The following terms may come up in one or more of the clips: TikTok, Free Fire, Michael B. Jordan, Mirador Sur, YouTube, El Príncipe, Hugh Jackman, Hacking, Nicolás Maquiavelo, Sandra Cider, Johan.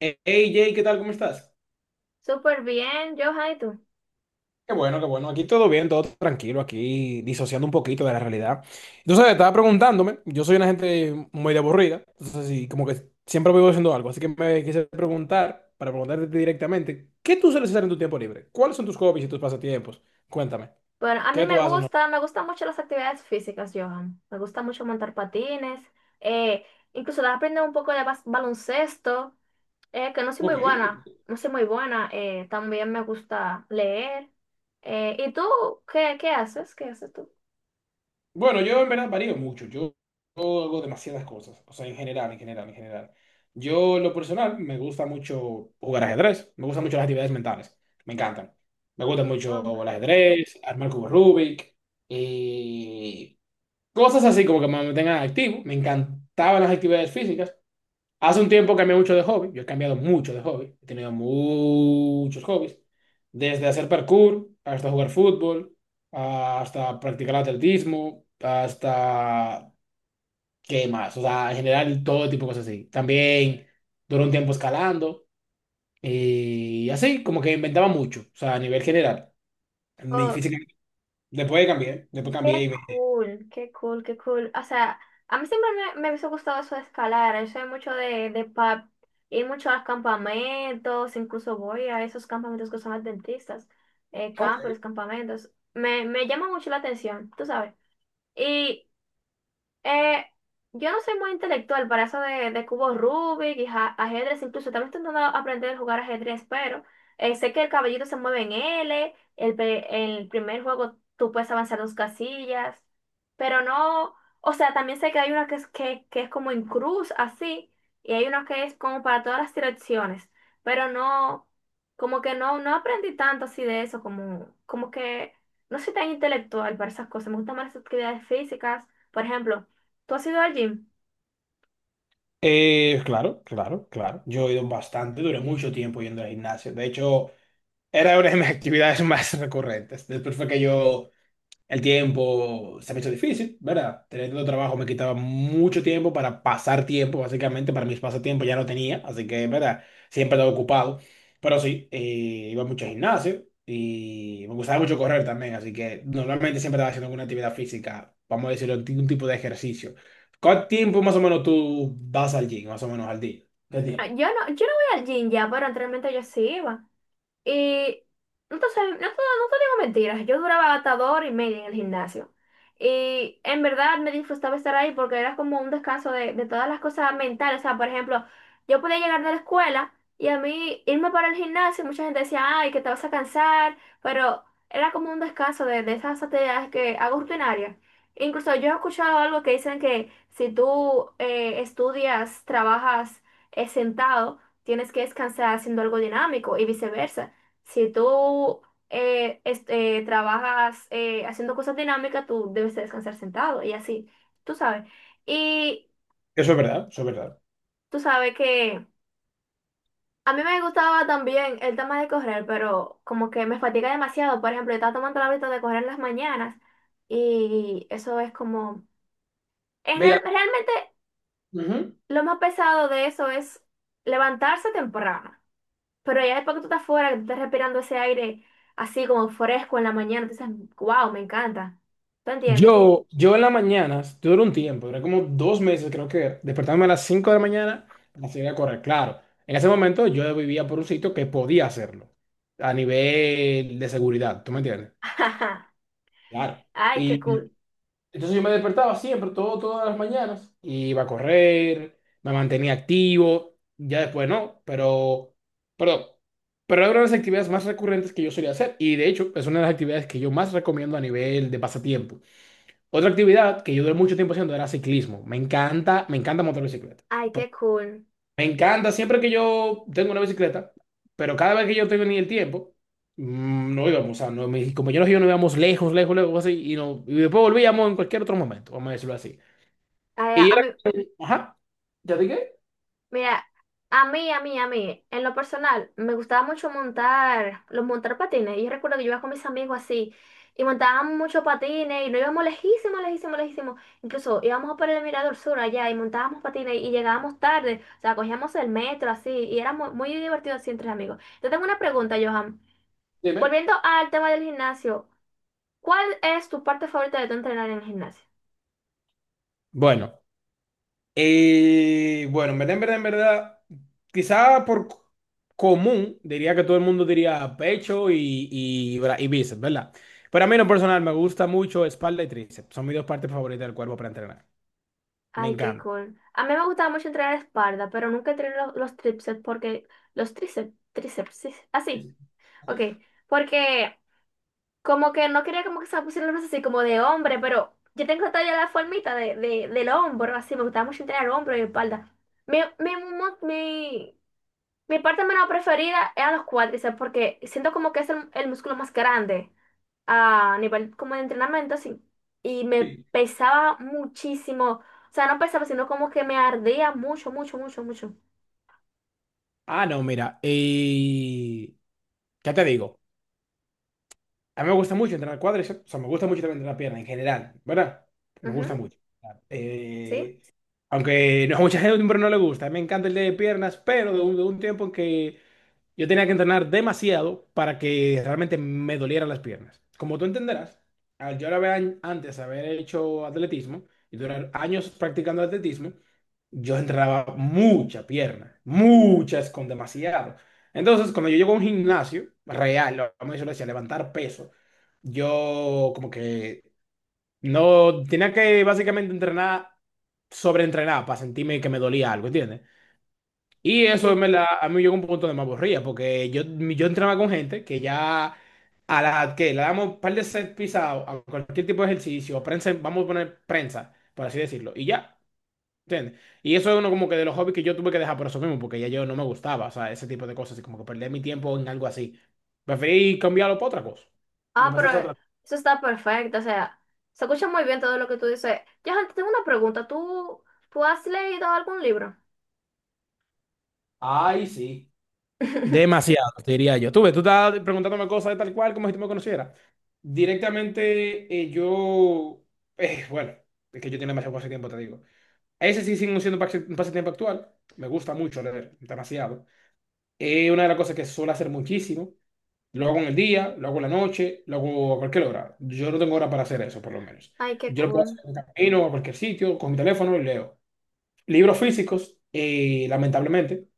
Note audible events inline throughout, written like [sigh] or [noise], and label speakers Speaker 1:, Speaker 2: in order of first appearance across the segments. Speaker 1: Hey Jay, ¿qué tal? ¿Cómo estás?
Speaker 2: Súper bien, Johan, ¿y tú?
Speaker 1: Qué bueno, qué bueno. Aquí todo bien, todo tranquilo, aquí disociando un poquito de la realidad. Entonces, estaba preguntándome, yo soy una gente muy aburrida, entonces sí, como que siempre vivo haciendo algo, así que me quise preguntar, para preguntarte directamente, ¿qué tú sueles hacer en tu tiempo libre? ¿Cuáles son tus hobbies y tus pasatiempos? Cuéntame,
Speaker 2: Bueno, a mí
Speaker 1: ¿qué
Speaker 2: me
Speaker 1: tú haces? ¿No?
Speaker 2: gusta, me gustan mucho las actividades físicas, Johan. Me gusta mucho montar patines, eh, incluso de aprender un poco de baloncesto, que no soy muy
Speaker 1: Ok.
Speaker 2: buena, no soy muy buena. También me gusta leer. ¿Y tú qué haces? ¿Qué haces tú?
Speaker 1: Bueno, yo en verdad varío mucho. Yo hago demasiadas cosas. O sea, en general, en general, en general. Yo, en lo personal, me gusta mucho jugar ajedrez. Me gustan mucho las actividades mentales. Me encantan. Me gusta mucho el ajedrez, armar cubos Rubik. Y cosas así como que me mantengan activo. Me encantaban las actividades físicas. Hace un tiempo cambié mucho de hobby. Yo he cambiado mucho de hobby. He tenido muchos hobbies. Desde hacer parkour, hasta jugar fútbol, hasta practicar atletismo, hasta... ¿Qué más? O sea, en general todo tipo de cosas así. También duró un tiempo escalando y así, como que inventaba mucho. O sea, a nivel general. Mi
Speaker 2: Um,
Speaker 1: física... después cambié
Speaker 2: Qué
Speaker 1: y me...
Speaker 2: cool, qué cool, qué cool. O sea, a mí siempre me hubiese gustado eso de escalar. Yo soy mucho de, pub, ir mucho a los campamentos, incluso voy a esos campamentos que son adventistas,
Speaker 1: Ok.
Speaker 2: campers, campamentos. Me llama mucho la atención, tú sabes. Y eh, yo no soy muy intelectual para eso de, cubos Rubik y ajedrez, incluso también estoy intentando aprender a jugar ajedrez, pero sé que el caballito se mueve en L, el primer juego tú puedes avanzar dos casillas, pero no, o sea, también sé que hay una que que es como en cruz, así, y hay una que es como para todas las direcciones, pero no, como que no aprendí tanto así de eso, como que no soy tan intelectual para esas cosas, me gustan más las actividades físicas, por ejemplo. ¿Tú has ido al gym?
Speaker 1: Claro, claro, claro. Yo he ido bastante, duré mucho tiempo yendo al gimnasio. De hecho... Era una de mis [laughs] actividades más recurrentes. Después fue que yo, el tiempo se me hizo difícil, ¿verdad? Tener tanto trabajo me quitaba mucho tiempo para pasar tiempo, básicamente, para mis pasatiempos ya no tenía, así que, ¿verdad? Siempre estaba ocupado. Pero sí, iba mucho al gimnasio y me gustaba mucho correr también, así que normalmente siempre estaba haciendo alguna actividad física, vamos a decirlo, algún tipo de ejercicio. ¿Cuánto tiempo más o menos tú vas al gym, más o menos al día? ¿Qué
Speaker 2: Ah,
Speaker 1: tiempo?
Speaker 2: yo no, yo no voy al gym ya, pero anteriormente yo sí iba. Y no te, sé- no te, no te digo mentiras, yo duraba hasta 2 horas y media en el gimnasio. Y en verdad me disfrutaba estar ahí porque era como un descanso de, todas las cosas mentales. O sea, por ejemplo, yo podía llegar de la escuela y a mí irme para el gimnasio, mucha gente decía, ay, que te vas a cansar, pero era como un descanso de, esas actividades que hago rutinarias. Incluso yo he escuchado algo que dicen que si tú estudias, trabajas sentado, tienes que descansar haciendo algo dinámico y viceversa. Si tú este, trabajas haciendo cosas dinámicas, tú debes de descansar sentado y así, tú sabes. Y
Speaker 1: Eso es verdad, eso es verdad.
Speaker 2: tú sabes que a mí me gustaba también el tema de correr, pero como que me fatiga demasiado. Por ejemplo, yo estaba tomando el hábito de correr en las mañanas y eso es como... Es
Speaker 1: Mira.
Speaker 2: realmente
Speaker 1: Ujú.
Speaker 2: lo más pesado de eso es levantarse temprano. Pero ya después que tú estás fuera, que tú estás respirando ese aire así como fresco en la mañana, tú dices, wow, me encanta. ¿Tú entiendes?
Speaker 1: Yo en las mañanas, duró un tiempo, duré como dos meses, creo que despertándome a las 5 de la mañana para salir a correr. Claro, en ese momento yo vivía por un sitio que podía hacerlo a nivel de seguridad, ¿tú me entiendes?
Speaker 2: [laughs]
Speaker 1: Claro.
Speaker 2: Ay,
Speaker 1: Y
Speaker 2: qué cool.
Speaker 1: entonces yo me despertaba siempre, todo, todas las mañanas, iba a correr, me mantenía activo, ya después no, pero, perdón, pero era una de las actividades más recurrentes que yo solía hacer y de hecho es una de las actividades que yo más recomiendo a nivel de pasatiempo. Otra actividad que yo duré mucho tiempo haciendo era ciclismo. Me encanta montar bicicleta.
Speaker 2: Ay, qué cool.
Speaker 1: Me encanta siempre que yo tengo una bicicleta, pero cada vez que yo tengo ni el tiempo, no íbamos, o sea, no, mis compañeros y yo no íbamos lejos, lejos, lejos, así, y, no, y después volvíamos en cualquier otro momento, vamos a decirlo así.
Speaker 2: Ay, a
Speaker 1: Y
Speaker 2: a
Speaker 1: era,
Speaker 2: mí,
Speaker 1: ajá, ¿ya dije?
Speaker 2: mira, a mí, en lo personal, me gustaba mucho montar patines. Y yo recuerdo que yo iba con mis amigos así, y montábamos mucho patines, y nos íbamos lejísimos, lejísimos, lejísimos. Incluso íbamos por el Mirador Sur allá, y montábamos patines, y llegábamos tarde, o sea, cogíamos el metro así, y era muy, muy divertido así entre amigos. Yo tengo una pregunta, Johan.
Speaker 1: Dime.
Speaker 2: Volviendo al tema del gimnasio, ¿cuál es tu parte favorita de tu entrenar en el gimnasio?
Speaker 1: Bueno, bueno, en verdad, en verdad, en verdad, quizá por c- común, diría que todo el mundo diría pecho y bíceps, ¿verdad? Pero a mí en lo personal me gusta mucho espalda y tríceps. Son mis dos partes favoritas del cuerpo para entrenar. Me
Speaker 2: Ay, qué
Speaker 1: encanta.
Speaker 2: cool. A mí me gustaba mucho entrenar espalda, pero nunca entrené los tríceps porque... Los tríceps, tríceps, sí, sí, así, ok. Porque como que no quería como que se me pusieran los brazos así como de hombre, pero yo tengo todavía la formita de, del hombro, así. Me gustaba mucho entrenar el hombro y espalda. Mi, mi, mu- mi, mi parte menos preferida eran los cuádriceps porque siento como que es el músculo más grande a nivel como de entrenamiento así y me pesaba muchísimo, o sea, no pesaba, sino como que me ardía mucho, mucho, mucho, mucho.
Speaker 1: Ah, no, mira, ¿qué te digo? A mí me gusta mucho entrenar cuádriceps, o sea, me gusta mucho también entrenar pierna en general, ¿verdad? Me
Speaker 2: Ujú.
Speaker 1: gusta mucho. Claro.
Speaker 2: ¿Sí?
Speaker 1: Aunque no, [laughs] a mucha gente no le gusta, me encanta el de piernas, pero de un tiempo en que yo tenía que entrenar demasiado para que realmente me dolieran las piernas. Como tú entenderás, al yo ahora antes haber hecho atletismo y durar años practicando atletismo, yo entrenaba mucha pierna, muchas con demasiado. Entonces, cuando yo llego a un gimnasio real, vamos a decirlo así, a levantar peso, yo como que no tenía que básicamente entrenar, sobreentrenar para sentirme que me dolía algo, ¿entiendes? Y eso me
Speaker 2: Sí.
Speaker 1: la, a mí me llegó un punto de me aburría, porque yo entraba con gente que ya a la que le damos un par de set pisados a cualquier tipo de ejercicio, prensa, vamos a poner prensa, por así decirlo, y ya, ¿entiendes? Y eso es uno como que de los hobbies que yo tuve que dejar por eso mismo, porque ya yo no me gustaba, o sea, ese tipo de cosas, y como que perder mi tiempo en algo así. Preferí cambiarlo por otra cosa. Y
Speaker 2: Ah,
Speaker 1: empezó a
Speaker 2: pero
Speaker 1: hacer otra.
Speaker 2: eso está perfecto, o sea, se escucha muy bien todo lo que tú dices. Yo tengo una pregunta, ¿tú has leído algún libro?
Speaker 1: Ay, sí.
Speaker 2: [laughs]
Speaker 1: Demasiado, te diría yo. Tú ves, tú estás preguntándome cosas de tal cual como si tú me conocieras. Directamente, yo. Bueno, es que yo tengo demasiado tiempo, te digo. Ese sí sigue siendo un pasatiempo actual. Me gusta mucho leer, demasiado. Es una de las cosas que suelo hacer muchísimo. Lo hago en el día, lo hago en la noche, lo hago a cualquier hora. Yo no tengo hora para hacer eso, por lo menos.
Speaker 2: Ay, qué
Speaker 1: Yo lo puedo
Speaker 2: cool.
Speaker 1: hacer en el camino, a cualquier sitio, con mi teléfono y leo. Libros físicos, lamentablemente.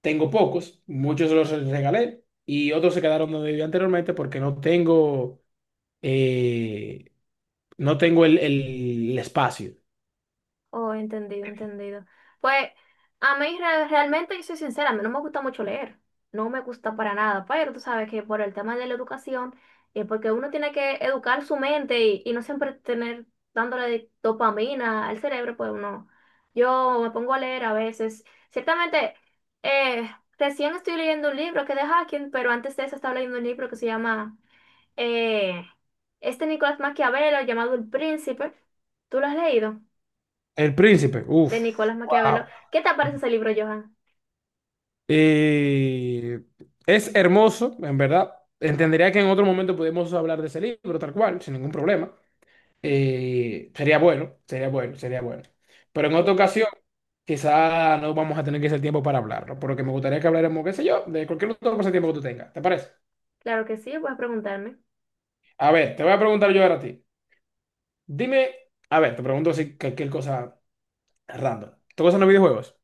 Speaker 1: Tengo pocos, muchos los regalé y otros se quedaron donde vivía anteriormente porque no tengo, eh, no tengo el espacio.
Speaker 2: Oh, entendido, entendido. Pues a mí realmente, yo soy sincera, a mí no me gusta mucho leer, no me gusta para nada, pero tú sabes que por el tema de la educación, porque uno tiene que educar su mente y no siempre tener dándole dopamina al cerebro, pues uno, yo me pongo a leer a veces. Ciertamente, eh, recién estoy leyendo un libro que es de Hacking, pero antes de eso estaba leyendo un libro que se llama, eh, este, Nicolás Maquiavelo, llamado El Príncipe. ¿Tú lo has leído?
Speaker 1: El príncipe,
Speaker 2: De
Speaker 1: uff.
Speaker 2: Nicolás
Speaker 1: Wow.
Speaker 2: Maquiavelo. ¿Qué te parece ese libro, Johan?
Speaker 1: Eh, es hermoso, en verdad. Entendería que en otro momento podemos hablar de ese libro, tal cual, sin ningún problema. Sería bueno, sería bueno, sería bueno. Pero en otra
Speaker 2: Sí,
Speaker 1: ocasión, quizá no vamos a tener que hacer tiempo para hablarlo, por lo que me gustaría que habláramos, qué sé yo, de cualquier otro tiempo que tú tengas. ¿Te parece?
Speaker 2: claro que sí, puedes preguntarme.
Speaker 1: A ver, te voy a preguntar yo ahora a ti. Dime, a ver, te pregunto si cualquier cosa random. ¿Te gustan los videojuegos?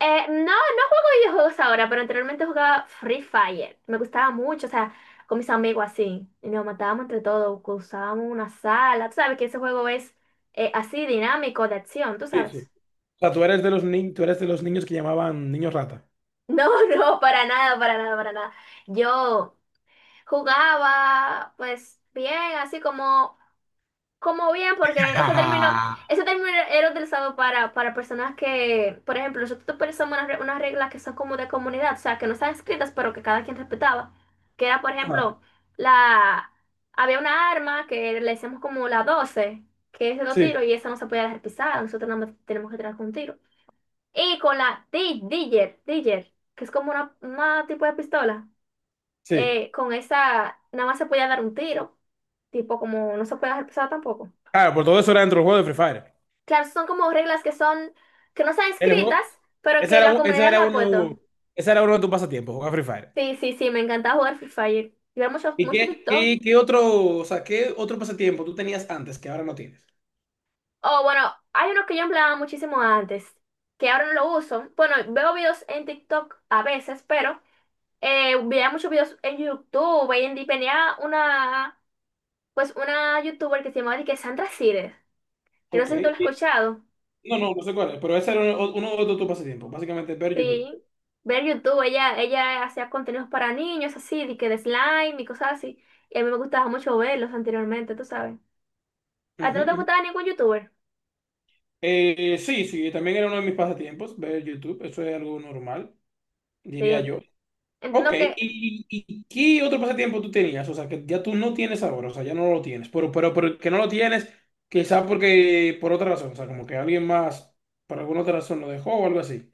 Speaker 2: No, no juego videojuegos ahora, pero anteriormente jugaba Free Fire. Me gustaba mucho, o sea, con mis amigos así. Y nos matábamos entre todos, usábamos una sala. Tú sabes que ese juego es así dinámico, de acción, tú
Speaker 1: Sí, sí.
Speaker 2: sabes.
Speaker 1: O sea, tú eres de los ni- tú eres de los niños que llamaban niños rata.
Speaker 2: No, [laughs] no, para nada, para nada, para nada. Yo jugaba, pues, bien, así como bien,
Speaker 1: [laughs]
Speaker 2: porque
Speaker 1: Ah,
Speaker 2: ese término era utilizado para, personas que, por ejemplo, nosotros utilizamos unas reglas que son como de comunidad, o sea, que no están escritas, pero que cada quien respetaba. Que era, por ejemplo, la había una arma que le decíamos como la doce, que es de dos
Speaker 1: sí,
Speaker 2: tiros, y esa no se podía dejar pisada, nosotros nada más tenemos que tirar con un tiro. Y con la Digger, Digger, que es como una, tipo de pistola,
Speaker 1: sí.
Speaker 2: con esa nada más se podía dar un tiro, tipo como no se puede dejar pisada tampoco.
Speaker 1: Claro, por todo eso era dentro del juego de Free Fire.
Speaker 2: Claro, son como reglas que son, que no están
Speaker 1: El
Speaker 2: escritas,
Speaker 1: juego,
Speaker 2: pero
Speaker 1: ese
Speaker 2: que
Speaker 1: era,
Speaker 2: la
Speaker 1: un- ese
Speaker 2: comunidad
Speaker 1: era
Speaker 2: la ha puesto.
Speaker 1: uno, ese era uno de tus pasatiempos, jugar Free Fire.
Speaker 2: Sí, sí, sí, me encantaba jugar Free Fire. Y ver mucho,
Speaker 1: ¿Y
Speaker 2: mucho
Speaker 1: qué,
Speaker 2: TikTok.
Speaker 1: qué, qué otro, o sea, qué otro pasatiempo tú tenías antes que ahora no tienes?
Speaker 2: Oh, bueno, hay uno que yo empleaba muchísimo antes, que ahora no lo uso. Bueno, veo videos en TikTok a veces, pero veía muchos videos en YouTube. Y tenía una YouTuber que se llamaba de que Sandra Cider. Yo no
Speaker 1: Ok.
Speaker 2: sé si tú lo has
Speaker 1: Y
Speaker 2: escuchado.
Speaker 1: no, no, no sé cuál es, pero ese era uno, uno de tus pasatiempos, básicamente ver YouTube.
Speaker 2: Sí, ver YouTube, ella hacía contenidos para niños así, de que de slime y cosas así. Y a mí me gustaba mucho verlos anteriormente, tú sabes. ¿A ti
Speaker 1: Ujú,
Speaker 2: no te
Speaker 1: ujú.
Speaker 2: gustaba ningún youtuber?
Speaker 1: Sí, sí, también era uno de mis pasatiempos ver YouTube, eso es algo normal, diría
Speaker 2: Sí.
Speaker 1: yo. Ok,
Speaker 2: Entiendo que,
Speaker 1: y qué otro pasatiempo tú tenías? O sea, que ya tú no tienes ahora, o sea, ya no lo tienes, pero que no lo tienes, quizá porque por otra razón, o sea, como que alguien más, por alguna otra razón lo dejó o algo así.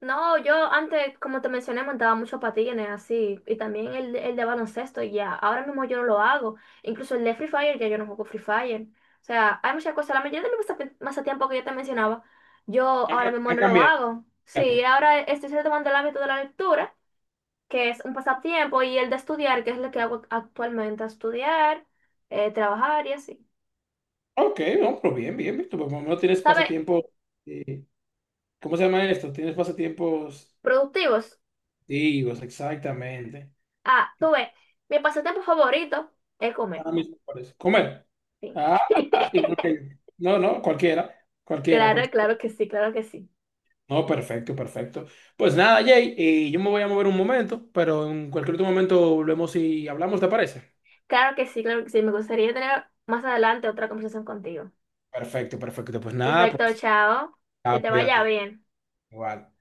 Speaker 2: no, yo antes, como te mencioné, montaba muchos patines así. Y también el de baloncesto, y ya. Ahora mismo yo no lo hago. Incluso el de Free Fire, ya yo no juego Free Fire. O sea, hay muchas cosas. La mayoría de mis pasatiempos que yo te mencionaba, yo ahora mismo
Speaker 1: Ha
Speaker 2: no lo
Speaker 1: cambiado.
Speaker 2: hago. Sí, ahora estoy retomando el hábito de la lectura, que es un pasatiempo, y el de estudiar, que es lo que hago actualmente, estudiar, trabajar y así.
Speaker 1: Ok, no, pero bien, bien, bien, tú por lo menos tienes
Speaker 2: ¿Sabes?
Speaker 1: pasatiempos, eh, ¿cómo se llama esto? Tienes pasatiempos
Speaker 2: Productivos.
Speaker 1: activos, exactamente.
Speaker 2: Ah, tú ves, mi pasatiempo favorito es comer.
Speaker 1: Ahora mismo por eso. Comer.
Speaker 2: Sí. [laughs]
Speaker 1: No, no, cualquiera. Cualquiera,
Speaker 2: Claro,
Speaker 1: cualquiera.
Speaker 2: claro que sí, claro que sí.
Speaker 1: No, perfecto, perfecto. Pues nada, Jay, yo me voy a mover un momento, pero en cualquier otro momento volvemos y hablamos, ¿te parece?
Speaker 2: Claro que sí, claro que sí. Me gustaría tener más adelante otra conversación contigo.
Speaker 1: Perfecto, perfecto. Pues nada,
Speaker 2: Perfecto,
Speaker 1: pues,
Speaker 2: chao. Que
Speaker 1: ah,
Speaker 2: te vaya
Speaker 1: cuídate.
Speaker 2: bien.
Speaker 1: Igual.